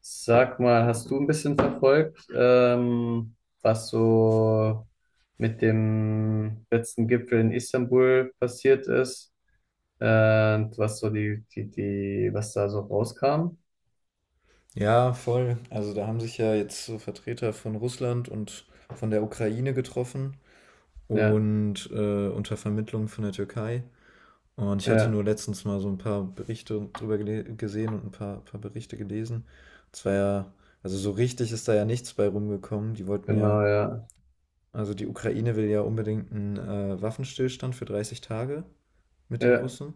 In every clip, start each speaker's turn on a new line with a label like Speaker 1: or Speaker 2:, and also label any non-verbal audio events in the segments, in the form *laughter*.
Speaker 1: Sag mal, hast du ein bisschen verfolgt, was so mit dem letzten Gipfel in Istanbul passiert ist? Und was so was da so rauskam?
Speaker 2: Ja, voll. Also da haben sich ja jetzt so Vertreter von Russland und von der Ukraine getroffen
Speaker 1: Ja,
Speaker 2: und unter Vermittlung von der Türkei. Und ich hatte
Speaker 1: ja,
Speaker 2: nur letztens mal so ein paar Berichte drüber gesehen und ein paar Berichte gelesen. Es war ja, also so richtig ist da ja nichts bei rumgekommen. Die wollten ja,
Speaker 1: genau, ja.
Speaker 2: also die Ukraine will ja unbedingt einen Waffenstillstand für 30 Tage mit den
Speaker 1: Ja,
Speaker 2: Russen.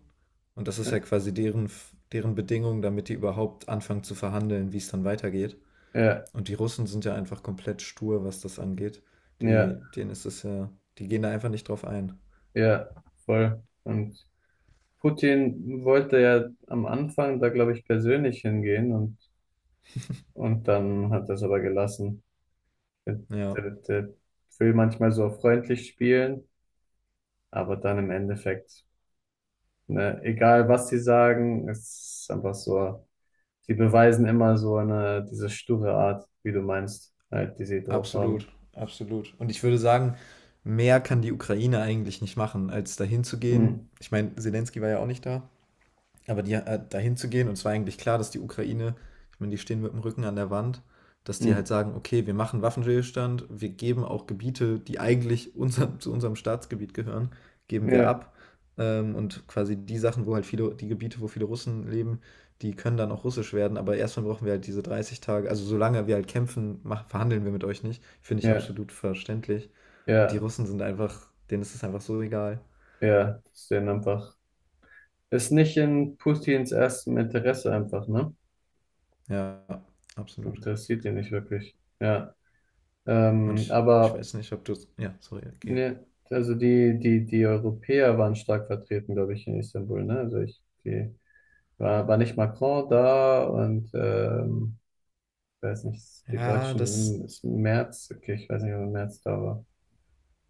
Speaker 2: Und das ist
Speaker 1: ja,
Speaker 2: ja quasi deren Bedingung, damit die überhaupt anfangen zu verhandeln, wie es dann weitergeht.
Speaker 1: ja,
Speaker 2: Und die Russen sind ja einfach komplett stur, was das angeht. Die,
Speaker 1: ja,
Speaker 2: denen ist es ja, die gehen da einfach nicht drauf ein.
Speaker 1: ja, voll. Und Putin wollte ja am Anfang da, glaube ich, persönlich hingehen und dann hat er es aber gelassen. Der,
Speaker 2: Ja,
Speaker 1: der will manchmal so freundlich spielen. Aber dann im Endeffekt, ne, egal was sie sagen, es ist einfach so, sie beweisen immer so eine, diese sture Art, wie du meinst, halt, die sie drauf
Speaker 2: absolut,
Speaker 1: haben.
Speaker 2: absolut. Und ich würde sagen, mehr kann die Ukraine eigentlich nicht machen, als dahin zu gehen.
Speaker 1: Mm,
Speaker 2: Ich meine, Zelensky war ja auch nicht da. Aber die, dahin zu gehen, und es war eigentlich klar, dass die Ukraine, ich meine, die stehen mit dem Rücken an der Wand, dass die halt
Speaker 1: mm,
Speaker 2: sagen, okay, wir machen Waffenstillstand, wir geben auch Gebiete, die eigentlich unser, zu unserem Staatsgebiet gehören, geben wir
Speaker 1: ja,
Speaker 2: ab. Und quasi die Sachen, wo halt viele, die Gebiete, wo viele Russen leben, die können dann auch russisch werden, aber erstmal brauchen wir halt diese 30 Tage, also solange wir halt kämpfen, mach, verhandeln wir mit euch nicht, finde ich
Speaker 1: ja,
Speaker 2: absolut verständlich. Und die
Speaker 1: ja,
Speaker 2: Russen sind einfach, denen ist es einfach so egal.
Speaker 1: ja, das ist denen einfach, ist nicht in Putins erstem Interesse einfach, ne?
Speaker 2: Ja, absolut.
Speaker 1: Interessiert ihn nicht wirklich, ja.
Speaker 2: Und
Speaker 1: Ähm,
Speaker 2: ich
Speaker 1: aber,
Speaker 2: weiß nicht, ob du. Ja, sorry, okay.
Speaker 1: ne, also die Europäer waren stark vertreten, glaube ich, in Istanbul, ne? Also ich, die, war nicht Macron da? Und ich weiß nicht, die
Speaker 2: Ja, das.
Speaker 1: Deutschen, ist Merz, okay, ich weiß nicht, ob Merz da war.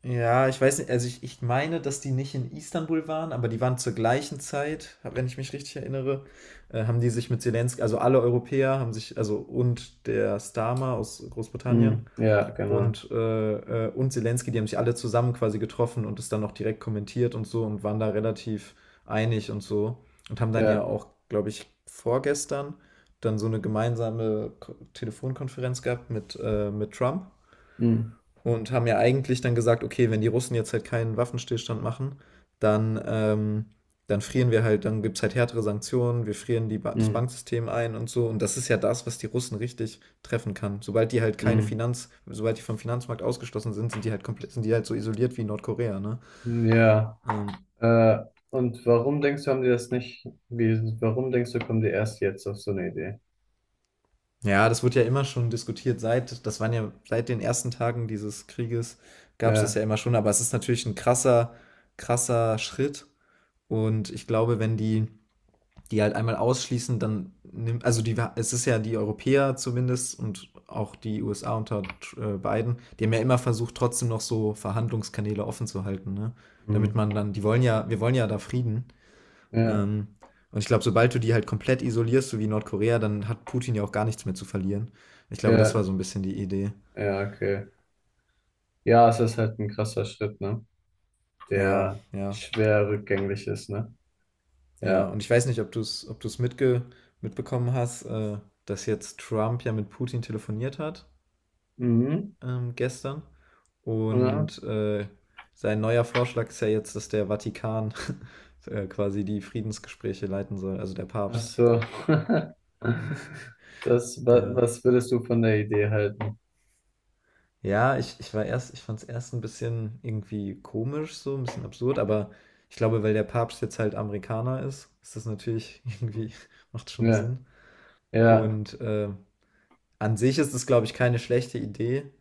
Speaker 2: Ja, ich weiß nicht, also ich meine, dass die nicht in Istanbul waren, aber die waren zur gleichen Zeit, wenn ich mich richtig erinnere, haben die sich mit Zelensky, also alle Europäer haben sich, also und der Starmer aus Großbritannien
Speaker 1: Mm, ja, genau.
Speaker 2: und Zelensky, die haben sich alle zusammen quasi getroffen und es dann noch direkt kommentiert und so und waren da relativ einig und so und haben dann ja
Speaker 1: Ja,
Speaker 2: auch, glaube ich, vorgestern dann so eine gemeinsame Telefonkonferenz gehabt mit Trump
Speaker 1: mm,
Speaker 2: und haben ja eigentlich dann gesagt, okay, wenn die Russen jetzt halt keinen Waffenstillstand machen, dann, dann frieren wir halt, dann gibt es halt härtere Sanktionen, wir frieren die ba das
Speaker 1: mm,
Speaker 2: Banksystem ein und so. Und das ist ja das, was die Russen richtig treffen kann. Sobald die halt keine
Speaker 1: mm.
Speaker 2: Finanz, sobald die vom Finanzmarkt ausgeschlossen sind, sind die halt komplett, sind die halt so isoliert wie Nordkorea, ne?
Speaker 1: Ja,
Speaker 2: Ähm,
Speaker 1: äh, und warum denkst du, haben die das nicht, wie, warum denkst du, kommen die erst jetzt auf so eine Idee?
Speaker 2: ja, das wird ja immer schon diskutiert, seit, das waren ja seit den ersten Tagen dieses Krieges gab es das
Speaker 1: Ja,
Speaker 2: ja immer schon, aber es ist natürlich ein krasser, krasser Schritt. Und ich glaube, wenn die, die halt einmal ausschließen, dann nimmt, also die, es ist ja die Europäer zumindest und auch die USA unter Biden, die haben ja immer versucht, trotzdem noch so Verhandlungskanäle offen zu halten, ne? Damit
Speaker 1: mm,
Speaker 2: man dann, die wollen ja, wir wollen ja da Frieden.
Speaker 1: ja,
Speaker 2: Ähm, und ich glaube, sobald du die halt komplett isolierst, so wie Nordkorea, dann hat Putin ja auch gar nichts mehr zu verlieren. Ich glaube, das war
Speaker 1: ja,
Speaker 2: so ein bisschen die Idee.
Speaker 1: ja, okay. Ja, es ist halt ein krasser Schritt, ne?
Speaker 2: Ja,
Speaker 1: Der
Speaker 2: ja,
Speaker 1: schwer rückgängig ist, ne?
Speaker 2: ja.
Speaker 1: Ja.
Speaker 2: Und ich weiß nicht, ob du es ob du's mitge mitbekommen hast, dass jetzt Trump ja mit Putin telefoniert hat
Speaker 1: Mhm.
Speaker 2: gestern. Und sein neuer Vorschlag ist ja jetzt, dass der Vatikan *laughs* quasi die Friedensgespräche leiten soll, also der
Speaker 1: Ach
Speaker 2: Papst.
Speaker 1: so. *laughs* Das, wa-
Speaker 2: Der,
Speaker 1: was würdest du von der Idee halten?
Speaker 2: ja, ich war erst, ich fand es erst ein bisschen irgendwie komisch, so ein bisschen absurd, aber ich glaube, weil der Papst jetzt halt Amerikaner ist, ist das natürlich *laughs*
Speaker 1: Hm.
Speaker 2: irgendwie, macht schon
Speaker 1: Ja,
Speaker 2: Sinn.
Speaker 1: ja,
Speaker 2: Und an sich ist es, glaube ich, keine schlechte Idee.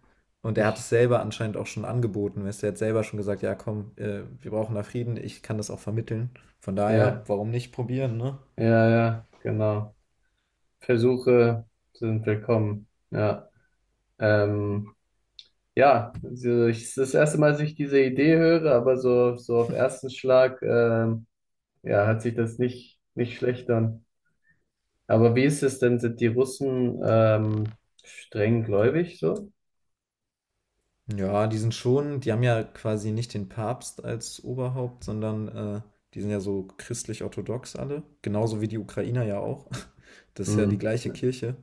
Speaker 2: Und er hat es
Speaker 1: ich,
Speaker 2: selber anscheinend auch schon angeboten. Weißt du, er hat selber schon gesagt, ja komm, wir brauchen da Frieden, ich kann das auch vermitteln. Von daher,
Speaker 1: ja,
Speaker 2: warum nicht probieren, ne?
Speaker 1: ja, ja, genau. Versuche sind willkommen. Ja, ähm, ja, es ist das erste Mal, dass ich diese Idee höre, aber so auf ersten Schlag, ja, hat sich das nicht schlecht an. Aber wie ist es denn? Sind die Russen, streng gläubig so?
Speaker 2: Ja, die sind schon, die haben ja quasi nicht den Papst als Oberhaupt, sondern die sind ja so christlich-orthodox alle. Genauso wie die Ukrainer ja auch. *laughs* Das ist ja die
Speaker 1: Hm.
Speaker 2: gleiche Kirche.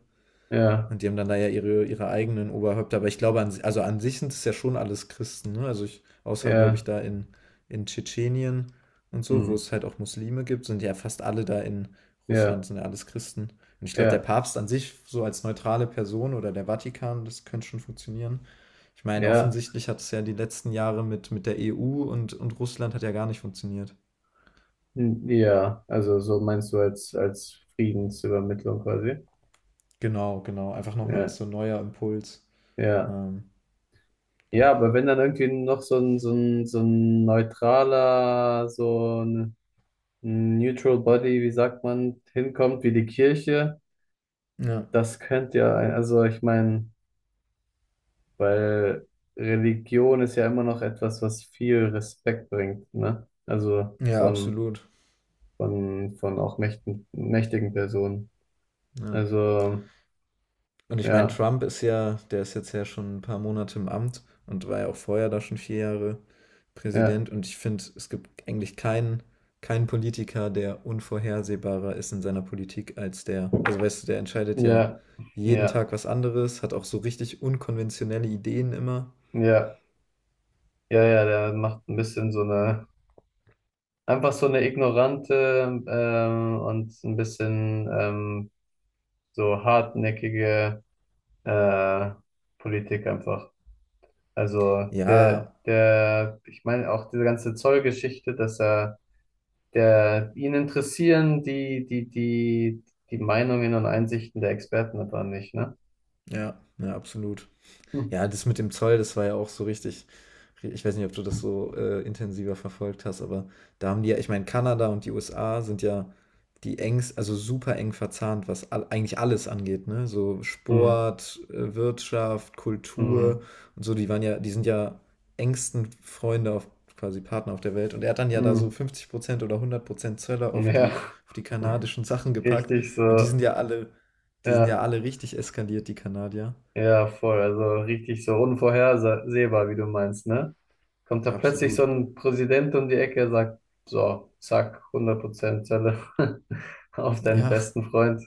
Speaker 1: Ja,
Speaker 2: Und die haben dann da ja ihre eigenen Oberhäupter. Aber ich glaube, an, si, also an sich sind es ja schon alles Christen. Ne? Also ich, außer, glaube ich,
Speaker 1: ja,
Speaker 2: da in Tschetschenien und so,
Speaker 1: hm.
Speaker 2: wo es halt auch Muslime gibt, sind ja fast alle da in Russland,
Speaker 1: Ja.
Speaker 2: sind ja alles Christen. Und ich glaube, der
Speaker 1: Ja,
Speaker 2: Papst an sich, so als neutrale Person oder der Vatikan, das könnte schon funktionieren. Ich meine,
Speaker 1: ja,
Speaker 2: offensichtlich hat es ja die letzten Jahre mit der EU und Russland hat ja gar nicht funktioniert.
Speaker 1: ja, also so meinst du als, Friedensübermittlung quasi.
Speaker 2: Genau, genau. Einfach nochmal als
Speaker 1: Ja,
Speaker 2: so ein neuer Impuls.
Speaker 1: ja.
Speaker 2: Ähm,
Speaker 1: Ja, aber wenn dann irgendwie noch so ein neutraler, so ein Neutral Body, wie sagt man, hinkommt, wie die Kirche,
Speaker 2: ja.
Speaker 1: das könnte ja, also ich meine, weil Religion ist ja immer noch etwas, was viel Respekt bringt, ne? Also
Speaker 2: Ja,
Speaker 1: von,
Speaker 2: absolut.
Speaker 1: von auch mächtigen, mächtigen Personen.
Speaker 2: Ja.
Speaker 1: Also,
Speaker 2: Und ich meine,
Speaker 1: ja.
Speaker 2: Trump ist ja, der ist jetzt ja schon ein paar Monate im Amt und war ja auch vorher da schon 4 Jahre
Speaker 1: Ja,
Speaker 2: Präsident. Und ich finde, es gibt eigentlich keinen, keinen Politiker, der unvorhersehbarer ist in seiner Politik als der. Also weißt du, der entscheidet ja
Speaker 1: ja,
Speaker 2: jeden
Speaker 1: ja,
Speaker 2: Tag was anderes, hat auch so richtig unkonventionelle Ideen immer.
Speaker 1: ja, ja, ja, der macht ein bisschen so eine, einfach so eine ignorante und ein bisschen so hartnäckige äh, Politik einfach. Also
Speaker 2: Ja,
Speaker 1: ich meine auch diese ganze Zollgeschichte, ihn interessieren die Meinungen und Einsichten der Experten aber nicht, ne?
Speaker 2: ja, ja, absolut.
Speaker 1: Hm.
Speaker 2: Ja, das mit dem Zoll, das war ja auch so richtig. Ich weiß nicht, ob du das so intensiver verfolgt hast, aber da haben die ja, ich meine, Kanada und die USA sind ja die engst, also super eng verzahnt, was all, eigentlich alles angeht, ne? So
Speaker 1: Hm.
Speaker 2: Sport, Wirtschaft, Kultur
Speaker 1: Hm.
Speaker 2: und so, die waren ja, die sind ja engsten Freunde auf quasi Partner auf der Welt. Und er hat dann ja da
Speaker 1: Hm.
Speaker 2: so 50% oder 100% Zölle
Speaker 1: Ja,
Speaker 2: auf die kanadischen Sachen
Speaker 1: *laughs*
Speaker 2: gepackt.
Speaker 1: richtig
Speaker 2: Und die
Speaker 1: so,
Speaker 2: sind ja alle, die sind ja
Speaker 1: ja.
Speaker 2: alle richtig eskaliert, die Kanadier.
Speaker 1: Ja, voll. Also richtig so unvorhersehbar, wie du meinst, ne? Kommt da plötzlich so
Speaker 2: Absolut.
Speaker 1: ein Präsident um die Ecke, sagt, so, zack, 100% Zelle *laughs* auf deinen
Speaker 2: Ja,
Speaker 1: besten Freund.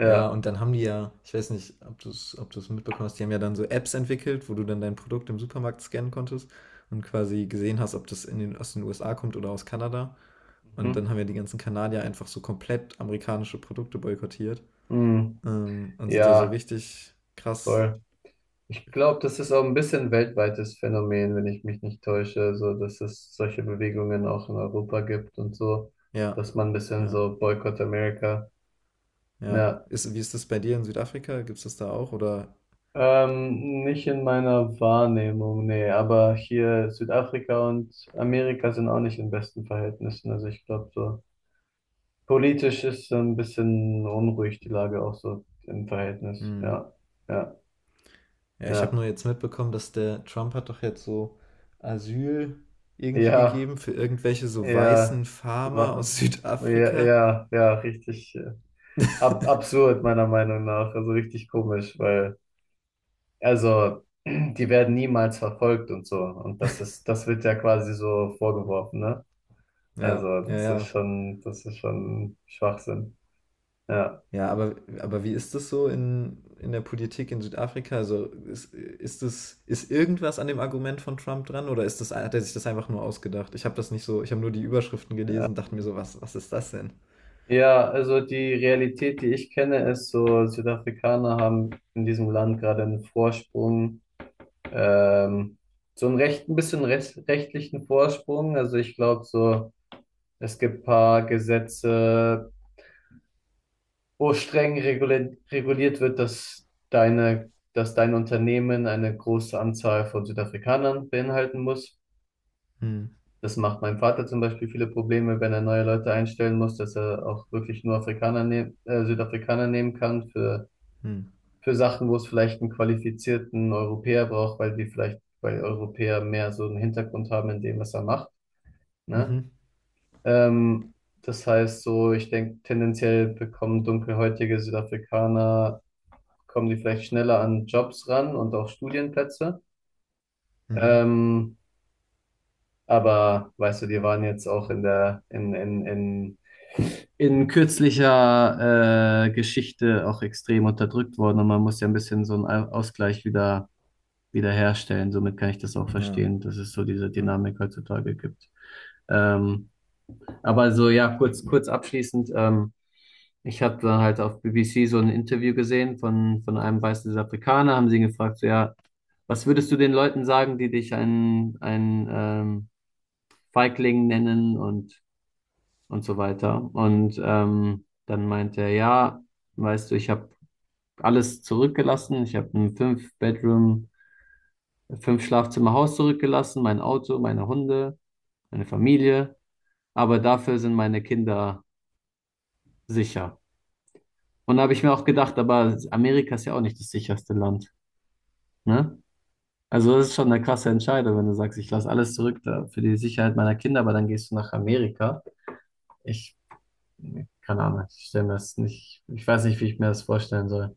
Speaker 2: ja, und dann haben die ja, ich weiß nicht, ob du es ob du's mitbekommen hast, die haben ja dann so Apps entwickelt, wo du dann dein Produkt im Supermarkt scannen konntest und quasi gesehen hast, ob das in den, aus den USA kommt oder aus Kanada. Und dann
Speaker 1: Mhm.
Speaker 2: haben ja die ganzen Kanadier einfach so komplett amerikanische Produkte boykottiert
Speaker 1: Mhm.
Speaker 2: und sind ja so
Speaker 1: Ja,
Speaker 2: richtig krass.
Speaker 1: voll. Ich glaube, das ist auch ein bisschen ein weltweites Phänomen, wenn ich mich nicht täusche, so dass es solche Bewegungen auch in Europa gibt und so,
Speaker 2: Ja,
Speaker 1: dass man ein bisschen
Speaker 2: ja,
Speaker 1: so Boykott America.
Speaker 2: ja.
Speaker 1: Ja.
Speaker 2: Ist, wie ist das bei dir in Südafrika? Gibt es das da auch? Oder?
Speaker 1: Nicht in meiner Wahrnehmung, nee, aber hier Südafrika und Amerika sind auch nicht in besten Verhältnissen. Also ich glaube, so politisch ist so ein bisschen unruhig die Lage auch so im Verhältnis.
Speaker 2: Hm?
Speaker 1: Ja, ja,
Speaker 2: Ja, ich habe
Speaker 1: ja,
Speaker 2: nur jetzt mitbekommen, dass der Trump hat doch jetzt so Asyl irgendwie
Speaker 1: ja,
Speaker 2: gegeben für irgendwelche so
Speaker 1: ja,
Speaker 2: weißen Farmer
Speaker 1: wa-
Speaker 2: aus *laughs*
Speaker 1: ja,
Speaker 2: Südafrika.
Speaker 1: ja, ja, richtig ab absurd meiner Meinung nach. Also richtig komisch, weil, also, *clears throat* die werden niemals verfolgt und so. Und das wird ja quasi so vorgeworfen, ne?
Speaker 2: Ja,
Speaker 1: Also,
Speaker 2: ja,
Speaker 1: das ist
Speaker 2: ja.
Speaker 1: schon, das ist schon Schwachsinn. Ja.
Speaker 2: Ja, aber wie ist das so in der Politik in Südafrika? Also ist das, ist irgendwas an dem Argument von Trump dran oder ist das, hat er sich das einfach nur ausgedacht? Ich habe das nicht so, ich habe nur die Überschriften gelesen, dachte mir so, was, was ist das denn?
Speaker 1: Ja, also die Realität, die ich kenne, ist so, Südafrikaner haben in diesem Land gerade einen Vorsprung, ähm, so einen recht, ein bisschen recht, rechtlichen Vorsprung. Also ich glaube so, es gibt paar Gesetze, wo streng reguliert wird, dass dass dein Unternehmen eine große Anzahl von Südafrikanern beinhalten muss.
Speaker 2: Hm,
Speaker 1: Das macht meinem Vater zum Beispiel viele Probleme, wenn er neue Leute einstellen muss, dass er auch wirklich nur Südafrikaner nehmen kann für,
Speaker 2: hm,
Speaker 1: für Sachen, wo es vielleicht einen qualifizierten Europäer braucht, weil Europäer mehr so einen Hintergrund haben in dem, was er macht, ne?
Speaker 2: mhm,
Speaker 1: Ähm, das heißt so, ich denke, tendenziell bekommen dunkelhäutige Südafrikaner, kommen die vielleicht schneller an Jobs ran und auch Studienplätze.
Speaker 2: mhm.
Speaker 1: Ähm, aber weißt du, die waren jetzt auch in der, in kürzlicher Geschichte auch extrem unterdrückt worden, und man muss ja ein bisschen so einen Ausgleich wieder herstellen. Somit kann ich das auch
Speaker 2: Ja,
Speaker 1: verstehen, dass es so diese
Speaker 2: ja.
Speaker 1: Dynamik heutzutage gibt. Ähm, aber so, ja, kurz, kurz abschließend, ich habe dann halt auf BBC so ein Interview gesehen von einem weißen Afrikaner, haben sie ihn gefragt, so, ja, was würdest du den Leuten sagen, die dich einen Feigling nennen und so weiter. Und dann meinte er, ja, weißt du, ich habe alles zurückgelassen. Ich habe ein Fünf-Schlafzimmer-Haus zurückgelassen, mein Auto, meine Hunde, meine Familie. Aber dafür sind meine Kinder sicher. Und da habe ich mir auch gedacht, aber Amerika ist ja auch nicht das sicherste Land, ne? Also das ist schon eine krasse Entscheidung, wenn du sagst, ich lasse alles zurück da für die Sicherheit meiner Kinder, aber dann gehst du nach Amerika. Ich, keine Ahnung, ich stelle mir das nicht, ich weiß nicht, wie ich mir das vorstellen soll.